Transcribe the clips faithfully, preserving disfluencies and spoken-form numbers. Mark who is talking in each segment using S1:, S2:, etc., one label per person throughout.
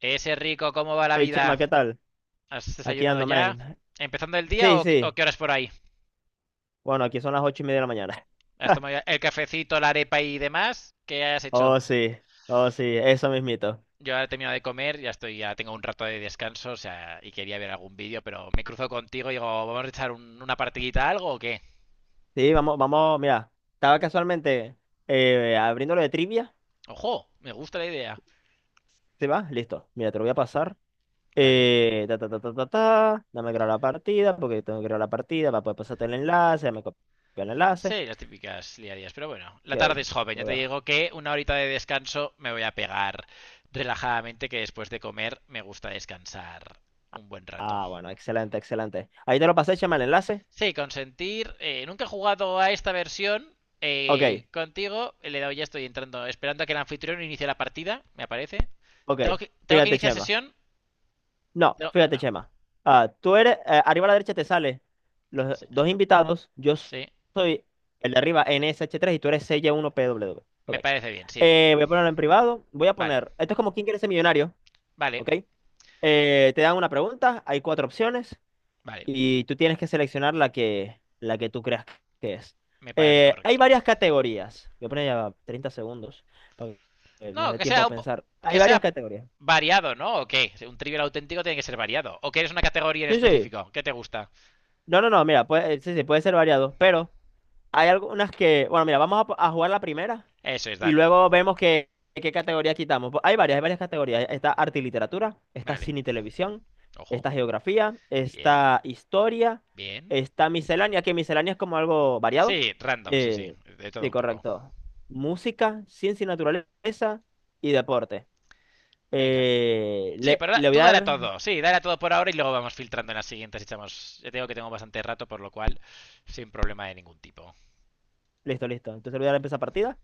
S1: Ese rico, ¿cómo va la
S2: Hey Chema,
S1: vida?
S2: ¿qué tal?
S1: ¿Has
S2: Aquí
S1: desayunado
S2: ando,
S1: ya?
S2: man.
S1: ¿Empezando el día
S2: Sí,
S1: o qué- o
S2: sí.
S1: qué horas por ahí?
S2: Bueno, aquí son las ocho y media de la mañana.
S1: ¿Has tomado el cafecito, la arepa y demás? ¿Qué has hecho?
S2: Oh, sí. Oh, sí. Eso mismito.
S1: Yo ahora he terminado de comer, ya estoy, ya tengo un rato de descanso, o sea, y quería ver algún vídeo, pero me cruzo contigo y digo, ¿vamos a echar un- una partidita a algo o qué?
S2: Sí, vamos, vamos. Mira, estaba casualmente eh, abriendo lo de trivia.
S1: Ojo, me gusta la idea.
S2: ¿Se va? Listo. Mira, te lo voy a pasar.
S1: Dale.
S2: Eh, ta, ta, ta, ta, ta, ta. Dame crear la partida, porque tengo que crear la partida para poder pasarte el enlace. Dame copiar el enlace.
S1: Sí, las típicas liadías, pero bueno, la tarde
S2: Ok.
S1: es joven, ya te digo que una horita de descanso me voy a pegar relajadamente, que después de comer me gusta descansar un buen rato.
S2: Ah, bueno, excelente, excelente. Ahí te lo pasé, Chema, el enlace.
S1: Sí, consentir. Eh, nunca he jugado a esta versión. Eh,
S2: Ok,
S1: contigo eh, le he dado ya, estoy entrando, esperando a que el anfitrión inicie la partida, me aparece.
S2: ok.
S1: ¿Tengo que, tengo que
S2: Fíjate,
S1: iniciar
S2: Chema.
S1: sesión?
S2: No,
S1: No,
S2: fíjate,
S1: no.
S2: Chema. Ah, tú eres, eh, arriba a la derecha te sale los
S1: Sí,
S2: dos invitados. Yo
S1: sí,
S2: soy el de arriba N S H tres y tú eres C Y uno P W.
S1: me
S2: Ok.
S1: parece bien, sí.
S2: Eh, voy a ponerlo en privado. Voy a
S1: Vale,
S2: poner, esto es como quién quiere ser millonario,
S1: vale,
S2: ¿ok? Eh, te dan una pregunta, hay cuatro opciones
S1: vale,
S2: y tú tienes que seleccionar la que, la que tú creas que es.
S1: me parece
S2: Eh, hay
S1: correcto.
S2: varias categorías. Voy a poner ya treinta segundos para que nos
S1: No,
S2: dé
S1: que
S2: tiempo
S1: sea,
S2: a
S1: un po-
S2: pensar. Hay
S1: que
S2: varias
S1: sea
S2: categorías.
S1: variado, ¿no? ¿O qué? Un trivial auténtico tiene que ser variado. ¿O quieres una categoría en
S2: Sí, sí.
S1: específico? ¿Qué te gusta?
S2: No, no, no, mira, puede, eh, sí, sí, puede ser variado, pero hay algunas que, bueno, mira, vamos a, po- a jugar la primera
S1: Eso es,
S2: y
S1: dale.
S2: luego vemos qué, qué categoría quitamos. Pues Hay varias, hay varias categorías. Está arte y literatura, está
S1: Vale,
S2: cine y televisión,
S1: ojo.
S2: está geografía,
S1: Bien,
S2: está historia,
S1: bien.
S2: está miscelánea, que miscelánea es como algo
S1: Sí,
S2: variado.
S1: random, sí,
S2: Eh,
S1: sí, de todo
S2: sí,
S1: un poco.
S2: correcto. Música, ciencia y naturaleza y deporte.
S1: Venga.
S2: Eh,
S1: Sí,
S2: le,
S1: pero da-
S2: le voy
S1: tú
S2: a
S1: dale a
S2: dar,
S1: todo. Sí, dale a todo por ahora y luego vamos filtrando en las siguientes. Echamos. Ya tengo que tengo bastante rato, por lo cual, sin problema de ningún tipo.
S2: listo, listo. Entonces le voy a dar empezar partida.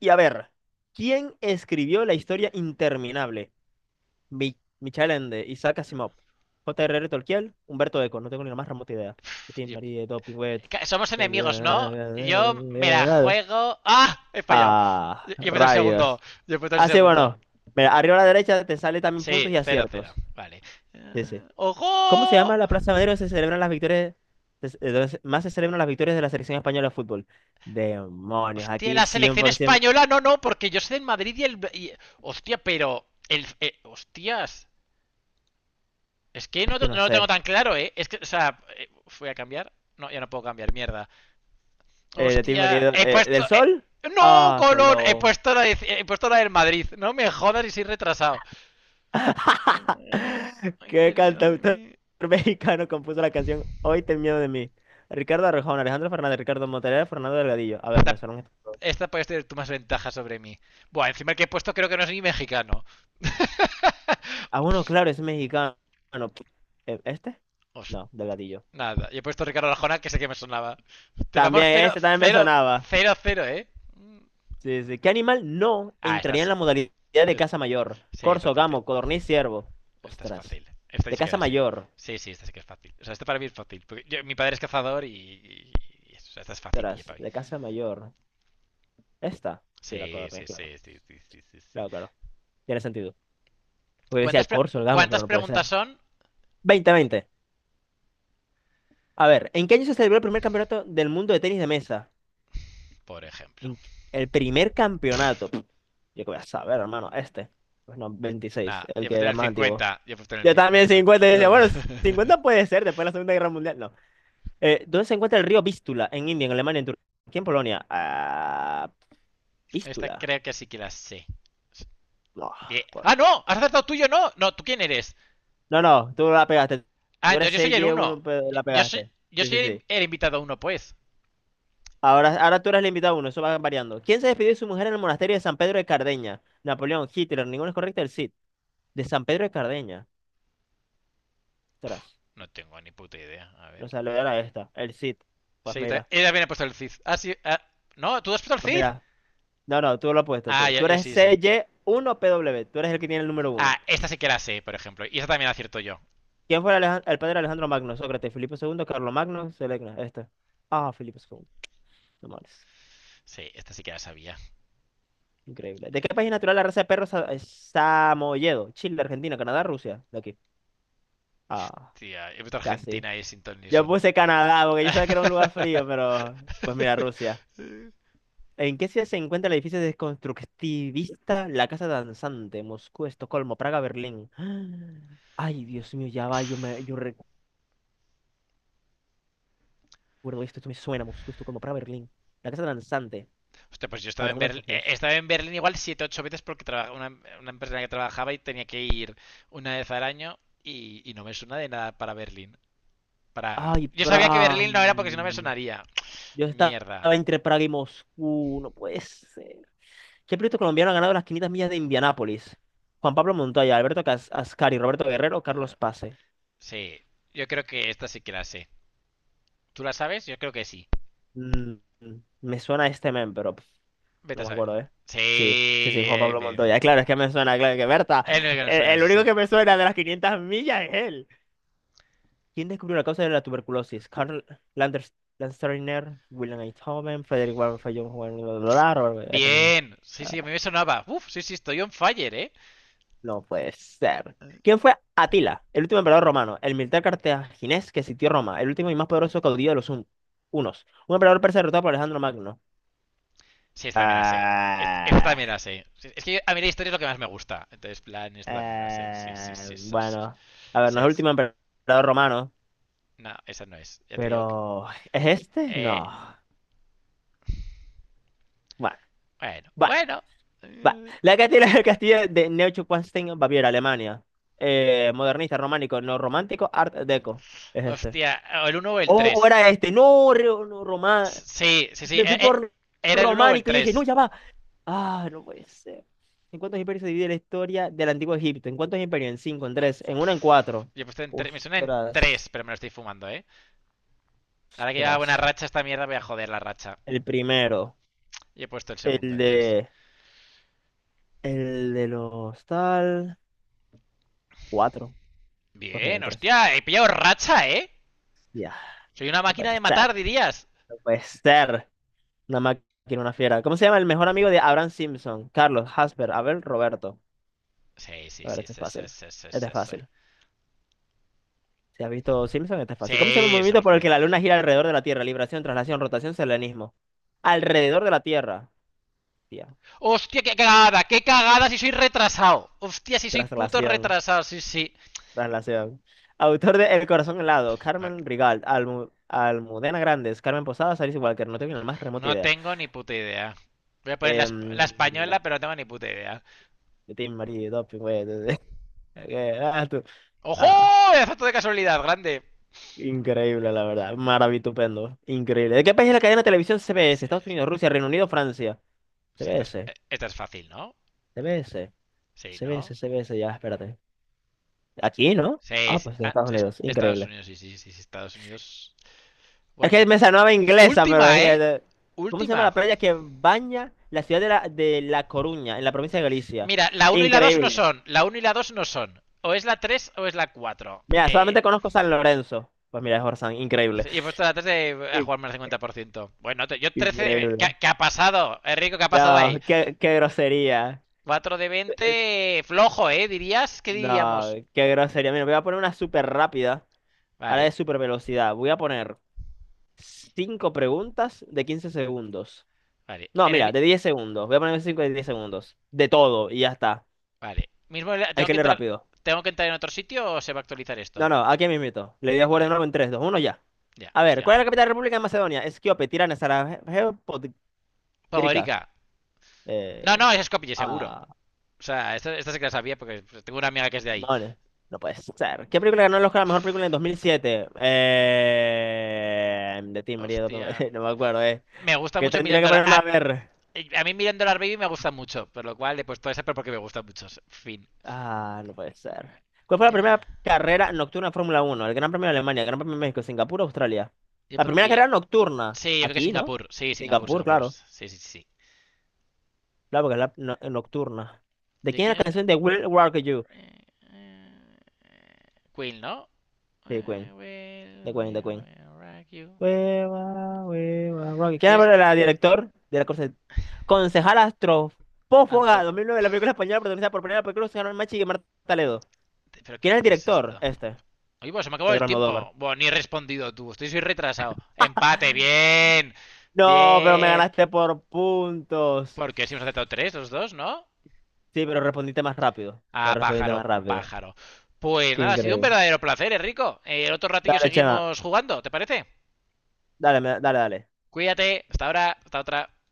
S2: Y a ver, ¿quién escribió la historia interminable? Mi Michel Ende, Isaac Asimov, J R R. Tolkien, Humberto Eco, no tengo ni la más remota idea. Tim
S1: Yo-
S2: Marie, Doping Web.
S1: Somos enemigos, ¿no? Yo me la juego. ¡Ah! He fallado.
S2: Ah,
S1: Yo yo he puesto el segundo.
S2: rayos.
S1: Yo he puesto el
S2: Así,
S1: segundo.
S2: bueno, mira, arriba a la derecha te sale también
S1: Sí,
S2: puntos y
S1: cero, cero,
S2: aciertos.
S1: vale.
S2: Sí, sí.
S1: ¡Eh,
S2: ¿Cómo se
S1: ojo!
S2: llama la Plaza Madero donde se celebran las victorias, se- eh, donde se- más se celebran las victorias de la selección española de fútbol? Demonios,
S1: Hostia,
S2: aquí
S1: la selección
S2: cien por ciento,
S1: española, no, no, porque yo soy del Madrid y el. y- Hostia, pero. El, eh, hostias. Es que
S2: es
S1: no, no
S2: que no
S1: lo tengo
S2: sé.
S1: tan claro, ¿eh? Es que, o sea, eh, fui a cambiar. No, ya no puedo cambiar, mierda.
S2: Eh, de ti,
S1: Hostia,
S2: Marido,
S1: he
S2: eh,
S1: puesto...
S2: ¿del
S1: eh,
S2: Sol?
S1: ¡No,
S2: Ah,
S1: Colón! He
S2: Colón.
S1: puesto, la de- he puesto la del Madrid. No me jodas y soy retrasado. Ay,
S2: ¿Qué
S1: ten miedo de
S2: cantautor
S1: mí.
S2: mexicano compuso la canción Hoy ten miedo de mí? Ricardo Arjona, Alejandro Fernández, Ricardo Montaner, Fernando Delgadillo. A ver, me
S1: Esta,
S2: sonaron estos dos.
S1: esta puedes tener tú más ventaja sobre mí. Buah, encima el que he puesto creo que no es ni mexicano.
S2: Ah, bueno, claro, es mexicano. Bueno. Eh, ¿Este?
S1: Os-
S2: No, Delgadillo.
S1: Nada, y he puesto Ricardo Arjona que sé que me sonaba. Te vamos
S2: También,
S1: cero
S2: este también me
S1: cero
S2: sonaba.
S1: cero cero, ¿eh?
S2: Sí, sí. ¿Qué animal no
S1: Ah, esta
S2: entraría en
S1: sí.
S2: la
S1: Esta-
S2: modalidad de
S1: esta,
S2: caza mayor?
S1: sí, esta es
S2: Corzo,
S1: fácil.
S2: gamo, codorniz, ciervo.
S1: Esta es
S2: Ostras.
S1: fácil. Esta
S2: De
S1: sí que
S2: caza
S1: la sé.
S2: mayor.
S1: Sí, sí, esta sí que es fácil. O sea, esto para mí es fácil. Porque yo- mi padre es cazador y. y- y eso. O sea, esta es fácil,
S2: Ostras,
S1: D J para mí.
S2: de caza mayor. Esta. Sí, la
S1: Sí,
S2: Corne,
S1: sí,
S2: claro.
S1: sí, sí, sí, sí, sí, sí.
S2: Claro, claro. Tiene sentido. Porque decía
S1: ¿Cuántas,
S2: el
S1: pre-
S2: Corso, el Gamo,
S1: ¿Cuántas
S2: pero no puede ser.
S1: preguntas son?
S2: Veinte, veinte. A ver, ¿en qué año se celebró el primer campeonato del mundo de tenis de mesa?
S1: Por ejemplo.
S2: ¿En qué- el primer campeonato. Pff, yo qué voy a saber, hermano. Este. Pues no, veintiséis,
S1: Nada, yo
S2: el
S1: he
S2: que
S1: puesto en
S2: era
S1: el
S2: más antiguo.
S1: cincuenta. Yo he puesto en el
S2: Yo también
S1: cincuenta.
S2: cincuenta. Y decía, bueno, cincuenta puede ser después de la Segunda Guerra Mundial. No. Eh, ¿dónde se encuentra el río Vístula? En India, en Alemania, en Turquía, en Polonia. Ah,
S1: Esta
S2: Vístula.
S1: creo que sí que la sé.
S2: No,
S1: Bien.
S2: por-
S1: ¡Ah, no! ¿Has acertado tú y yo no? No, ¿tú quién eres?
S2: No, no, tú la pegaste.
S1: Ah,
S2: Tú eres
S1: entonces yo
S2: C
S1: soy el
S2: y
S1: uno.
S2: uno, pero la
S1: Yo- soy,
S2: pegaste.
S1: yo
S2: Sí,
S1: soy
S2: sí, sí.
S1: el, el invitado uno, pues.
S2: Ahora, ahora tú eres el invitado uno, eso va variando. ¿Quién se despidió de su mujer en el monasterio de San Pedro de Cardeña? Napoleón, Hitler, ninguno es correcto, el Cid. De San Pedro de Cardeña. Ostras,
S1: No tengo ni puta idea. A ver.
S2: no salió era esta, el Cid. Pues
S1: Sí, ta-
S2: mira,
S1: ella también ha puesto el Cid. Ah, sí. Ah, no, ¿tú has puesto el
S2: pues
S1: Cid?
S2: mira. No, no, tú lo has puesto.
S1: Ah,
S2: Tú,
S1: yo,
S2: tú
S1: yo
S2: eres
S1: sí, sí.
S2: C Y uno P W. Tú eres el que tiene el número uno.
S1: Ah, esta sí que la sé, por ejemplo. Y esta también la acierto yo.
S2: ¿Quién fue el, Alejan- el padre de Alejandro Magno? Sócrates, Filipo segundo, Carlos Magno, Selecna, este. Ah, Filipo segundo, no males.
S1: Sí, esta sí que la sabía.
S2: Increíble. ¿De qué país es
S1: Eh,
S2: natural la raza de perros sa- es Samoyedo? Chile, Argentina, Canadá, Rusia. De aquí. Ah,
S1: Hostia, he puesto
S2: casi.
S1: Argentina y Sinton
S2: Yo
S1: Nixon.
S2: puse Canadá porque yo sabía que era un lugar frío, pero pues mira, Rusia. ¿En qué ciudad se encuentra el edificio desconstructivista La Casa Danzante? Moscú, Estocolmo, Praga, Berlín. Ay, Dios mío, ya va, yo, me, yo recuerdo esto, esto me suena, Moscú, Estocolmo, Praga, Berlín. La Casa Danzante.
S1: Hostia, pues yo
S2: A
S1: estaba
S2: ver, es
S1: en
S2: uno de
S1: Berlín,
S2: estos
S1: eh,
S2: dos.
S1: estaba en Berlín igual siete, ocho veces porque traba- una, una empresa en la que trabajaba y tenía que ir una vez al año y, y no me suena de nada para Berlín. Para...
S2: Ay,
S1: Yo sabía que
S2: Praga.
S1: Berlín no era porque si no me sonaría.
S2: Yo estaba
S1: Mierda.
S2: entre Praga y Moscú, no puede ser. ¿Qué piloto colombiano ha ganado las quinientas millas de Indianápolis? Juan Pablo Montoya, Alberto Cas- Ascari, Roberto Guerrero,
S1: Eh,
S2: Carlos Pase.
S1: Sí, yo creo que esta sí que la sé. ¿Tú la sabes? Yo creo que sí.
S2: Mm, me suena este men, pero pf,
S1: Vete
S2: no
S1: a
S2: me
S1: saber.
S2: acuerdo, ¿eh?
S1: Sí,
S2: Sí, sí, sí, Juan
S1: bien,
S2: Pablo
S1: bien, bien.
S2: Montoya. Claro, es que me suena, claro que Berta.
S1: Es lo que nos
S2: El,
S1: suena,
S2: el
S1: sí,
S2: único
S1: sí.
S2: que me suena de las quinientas millas es él. ¿Quién descubrió la causa de la tuberculosis? Karl Landers, Landsteiner, William Einthoven, Frederick Warren Fayón, Juan, bla, bla, bla, Robert- este mismo.
S1: Bien, sí, sí, a mí me sonaba. Uf, sí, sí, estoy on fire, ¿eh?
S2: No puede ser. ¿Quién fue Atila, el último emperador romano, el militar cartaginés que sitió Roma, el último y más poderoso caudillo de los un- unos? Un emperador persa derrotado por Alejandro Magno.
S1: Sí, esta también la sé. Est- Esta
S2: Ah,
S1: también la sé. Sí. Es que a mí la historia es lo que más me gusta. Entonces, plan, esta también me la sé. Sí, sí,
S2: eh,
S1: sí, eso sí.
S2: bueno, a ver,
S1: Sí,
S2: no es el
S1: es-
S2: último emperador romano,
S1: No, esa no es. Ya te digo que...
S2: pero ¿es este?
S1: Eh,
S2: No. Bueno,
S1: bueno,
S2: bueno,
S1: bueno.
S2: bueno.
S1: Eh,
S2: La Castilla del castillo de Neuschwanstein, Baviera, Alemania. Eh, modernista, románico, no romántico, art deco. Es este.
S1: hostia, o el uno o el
S2: O o
S1: tres.
S2: era este, no, román
S1: Sí, sí, sí.
S2: me
S1: eh,
S2: fui
S1: eh,
S2: por
S1: Era el uno o el
S2: románico. Y yo dije, no,
S1: tres.
S2: ya va. Ah, no puede ser. ¿En cuántos imperios se divide la historia del antiguo Egipto? ¿En cuántos imperios? En cinco, en tres, en uno, en cuatro.
S1: Yo he puesto en tre- Me suena en tres,
S2: Ostras,
S1: pero me lo estoy fumando, ¿eh? Ahora que lleva buena
S2: ostras.
S1: racha esta mierda, voy a joder la racha.
S2: El primero,
S1: Y he puesto el segundo
S2: el
S1: en tres.
S2: de, el de los tal, cuatro. Pues mira, en
S1: Bien,
S2: tres.
S1: hostia, he pillado racha, ¿eh?
S2: Ya,
S1: Soy una
S2: no
S1: máquina
S2: puede
S1: de
S2: ser,
S1: matar, dirías.
S2: no puede ser. Una máquina, una fiera. ¿Cómo se llama el mejor amigo de Abraham Simpson? Carlos, Hasper, Abel, Roberto.
S1: Sí, sí,
S2: A ver,
S1: sí,
S2: este es
S1: sí, sí,
S2: fácil.
S1: sí, sí,
S2: Este
S1: sí.
S2: es
S1: Sí,
S2: fácil. Si has visto Simpson, este es fácil. ¿Cómo se llama el
S1: sí
S2: movimiento
S1: somos
S2: por el que
S1: potentes.
S2: la luna gira alrededor de la Tierra? Libración, traslación, rotación, selenismo. Alrededor de la Tierra. Tía.
S1: Hostia, qué cagada, qué cagada si soy retrasado. Hostia, si soy puto
S2: Traslación.
S1: retrasado, sí, sí.
S2: Traslación. Autor de El corazón helado.
S1: No,
S2: Carmen Rigal. Almu- Almudena Grandes. Carmen Posadas. Alice Walker. No tengo ni la más remota
S1: no
S2: idea.
S1: tengo ni puta idea. Voy a poner la, esp- la
S2: Em,
S1: española, pero no tengo ni puta idea.
S2: de Tim Marie, Doping, güey. Eh, ah, tú.
S1: ¡Ojo!
S2: Ah,
S1: Azoto de casualidad, grande.
S2: increíble, la verdad. Maravitupendo. Increíble. ¿De qué país es la cadena de televisión
S1: Ah,
S2: C B S?
S1: sí,
S2: Estados Unidos, Rusia, Reino Unido, Francia.
S1: sí, esta es-
S2: CBS.
S1: eh, esta es fácil, ¿no?
S2: CBS.
S1: Sí,
S2: CBS,
S1: ¿no?
S2: CBS, ya, espérate. Aquí, ¿no?
S1: Sí,
S2: Ah,
S1: sí.
S2: pues de
S1: Ah,
S2: Estados
S1: es-
S2: Unidos,
S1: Estados
S2: increíble.
S1: Unidos, sí, sí, sí, sí, Estados Unidos.
S2: Es que
S1: Bueno.
S2: me sonaba inglesa, pero es
S1: Última,
S2: que...
S1: ¿eh?
S2: eh, ¿cómo se llama
S1: Última.
S2: la playa que baña la ciudad de La, de La Coruña, en la provincia de Galicia?
S1: Mira, la uno y la dos no
S2: Increíble.
S1: son. La uno y la dos no son. O es la tres o es la cuatro.
S2: Mira,
S1: Eh,
S2: solamente conozco San Lorenzo. Pues mira, es Orzán, increíble.
S1: sí, he puesto la tres de, a
S2: In-
S1: jugarme al cincuenta por ciento. Bueno, te- yo trece. eh, ¿Qué,
S2: Increíble.
S1: ha qué ha pasado? Enrico, ¿qué ha pasado
S2: No,
S1: ahí?
S2: qué, qué grosería.
S1: cuatro de
S2: Eh,
S1: veinte Flojo, ¿eh? ¿Dirías? ¿Qué
S2: No,
S1: diríamos?
S2: qué grosería. Mira, voy a poner una súper rápida, ahora de
S1: Vale,
S2: súper velocidad. Voy a poner cinco preguntas de quince segundos.
S1: vale.
S2: No,
S1: En el...
S2: mira,
S1: mi-
S2: de diez segundos. Voy a ponerme cinco de diez segundos. De todo, y ya está.
S1: Vale. Mismo...
S2: Hay
S1: ¿Tengo
S2: que
S1: que
S2: leer
S1: entrar,
S2: rápido.
S1: tengo que entrar en otro sitio o se va a actualizar
S2: No,
S1: esto?
S2: no, aquí mismito. Le di a jugar de
S1: Vale.
S2: nuevo en tres, dos, uno ya.
S1: Ya,
S2: A ver,
S1: hostia.
S2: ¿cuál es la capital de la República de Macedonia? Esquiope, Tirana, Sarajevo, Podgorica.
S1: Pogorica,
S2: Eh,
S1: no, no, es Skopje, seguro.
S2: ah,
S1: O sea, esta, esta sí que la sabía porque tengo una amiga que es de ahí.
S2: hermanes. No puede ser. ¿Qué película ganó el Oscar a la mejor película en dos mil siete? Eh, de ti, María.
S1: Hostia.
S2: No me acuerdo, eh.
S1: Me gusta
S2: Que
S1: mucho
S2: tendría
S1: Million
S2: que
S1: Dollar...
S2: ponerme
S1: A,
S2: a ver.
S1: a mí Million Dollar Baby me gusta mucho, por lo cual he puesto esa pero porque me gusta mucho. Fin.
S2: Ah, no puede ser. ¿Cuál fue la primera carrera nocturna de Fórmula Uno? El Gran Premio de Alemania, el Gran Premio de México, Singapur, Australia.
S1: Yo
S2: La primera
S1: pondría...
S2: carrera nocturna.
S1: Sí, yo creo que
S2: Aquí, ¿no?
S1: Singapur. Sí,
S2: En
S1: Singapur,
S2: Singapur,
S1: Singapur.
S2: claro.
S1: Sí, sí, sí, sí.
S2: Claro, porque es la no- nocturna. ¿De
S1: ¿De
S2: quién
S1: quién
S2: es la
S1: es?
S2: canción de Will Rock You?
S1: Queen, ¿no?
S2: De
S1: I
S2: Queen.
S1: will,
S2: De Queen, de
S1: will,
S2: Queen.
S1: will rock you.
S2: Hueva, hueva, rock you. ¿Quién
S1: ¿Quién es el
S2: es la
S1: de...
S2: director de la conce- concejal astrofófaga
S1: Antropo...
S2: dos mil nueve la película española protagonizada por Penélope Cruz, Machi Machi y Marta Ledo?
S1: ¿Pero qué,
S2: ¿Quién es el
S1: qué es
S2: director?
S1: esto?
S2: Este,
S1: Oye, pues se me acabó el
S2: Pedro Almodóvar.
S1: tiempo. Bueno, ni he respondido tú. Estoy soy retrasado. Empate, bien.
S2: No, pero me
S1: Bien.
S2: ganaste por puntos.
S1: Porque si hemos aceptado tres, los dos, ¿no?
S2: Sí, pero respondiste más rápido. Pero
S1: Ah,
S2: respondiste
S1: pájaro,
S2: más rápido.
S1: pájaro. Pues
S2: Qué
S1: nada, ha sido un
S2: increíble.
S1: verdadero placer, Enrico. Eh, el otro ratillo
S2: Dale, Chema.
S1: seguimos jugando, ¿te parece?
S2: Dale, me- dale, dale.
S1: Cuídate. Hasta ahora. Hasta otra.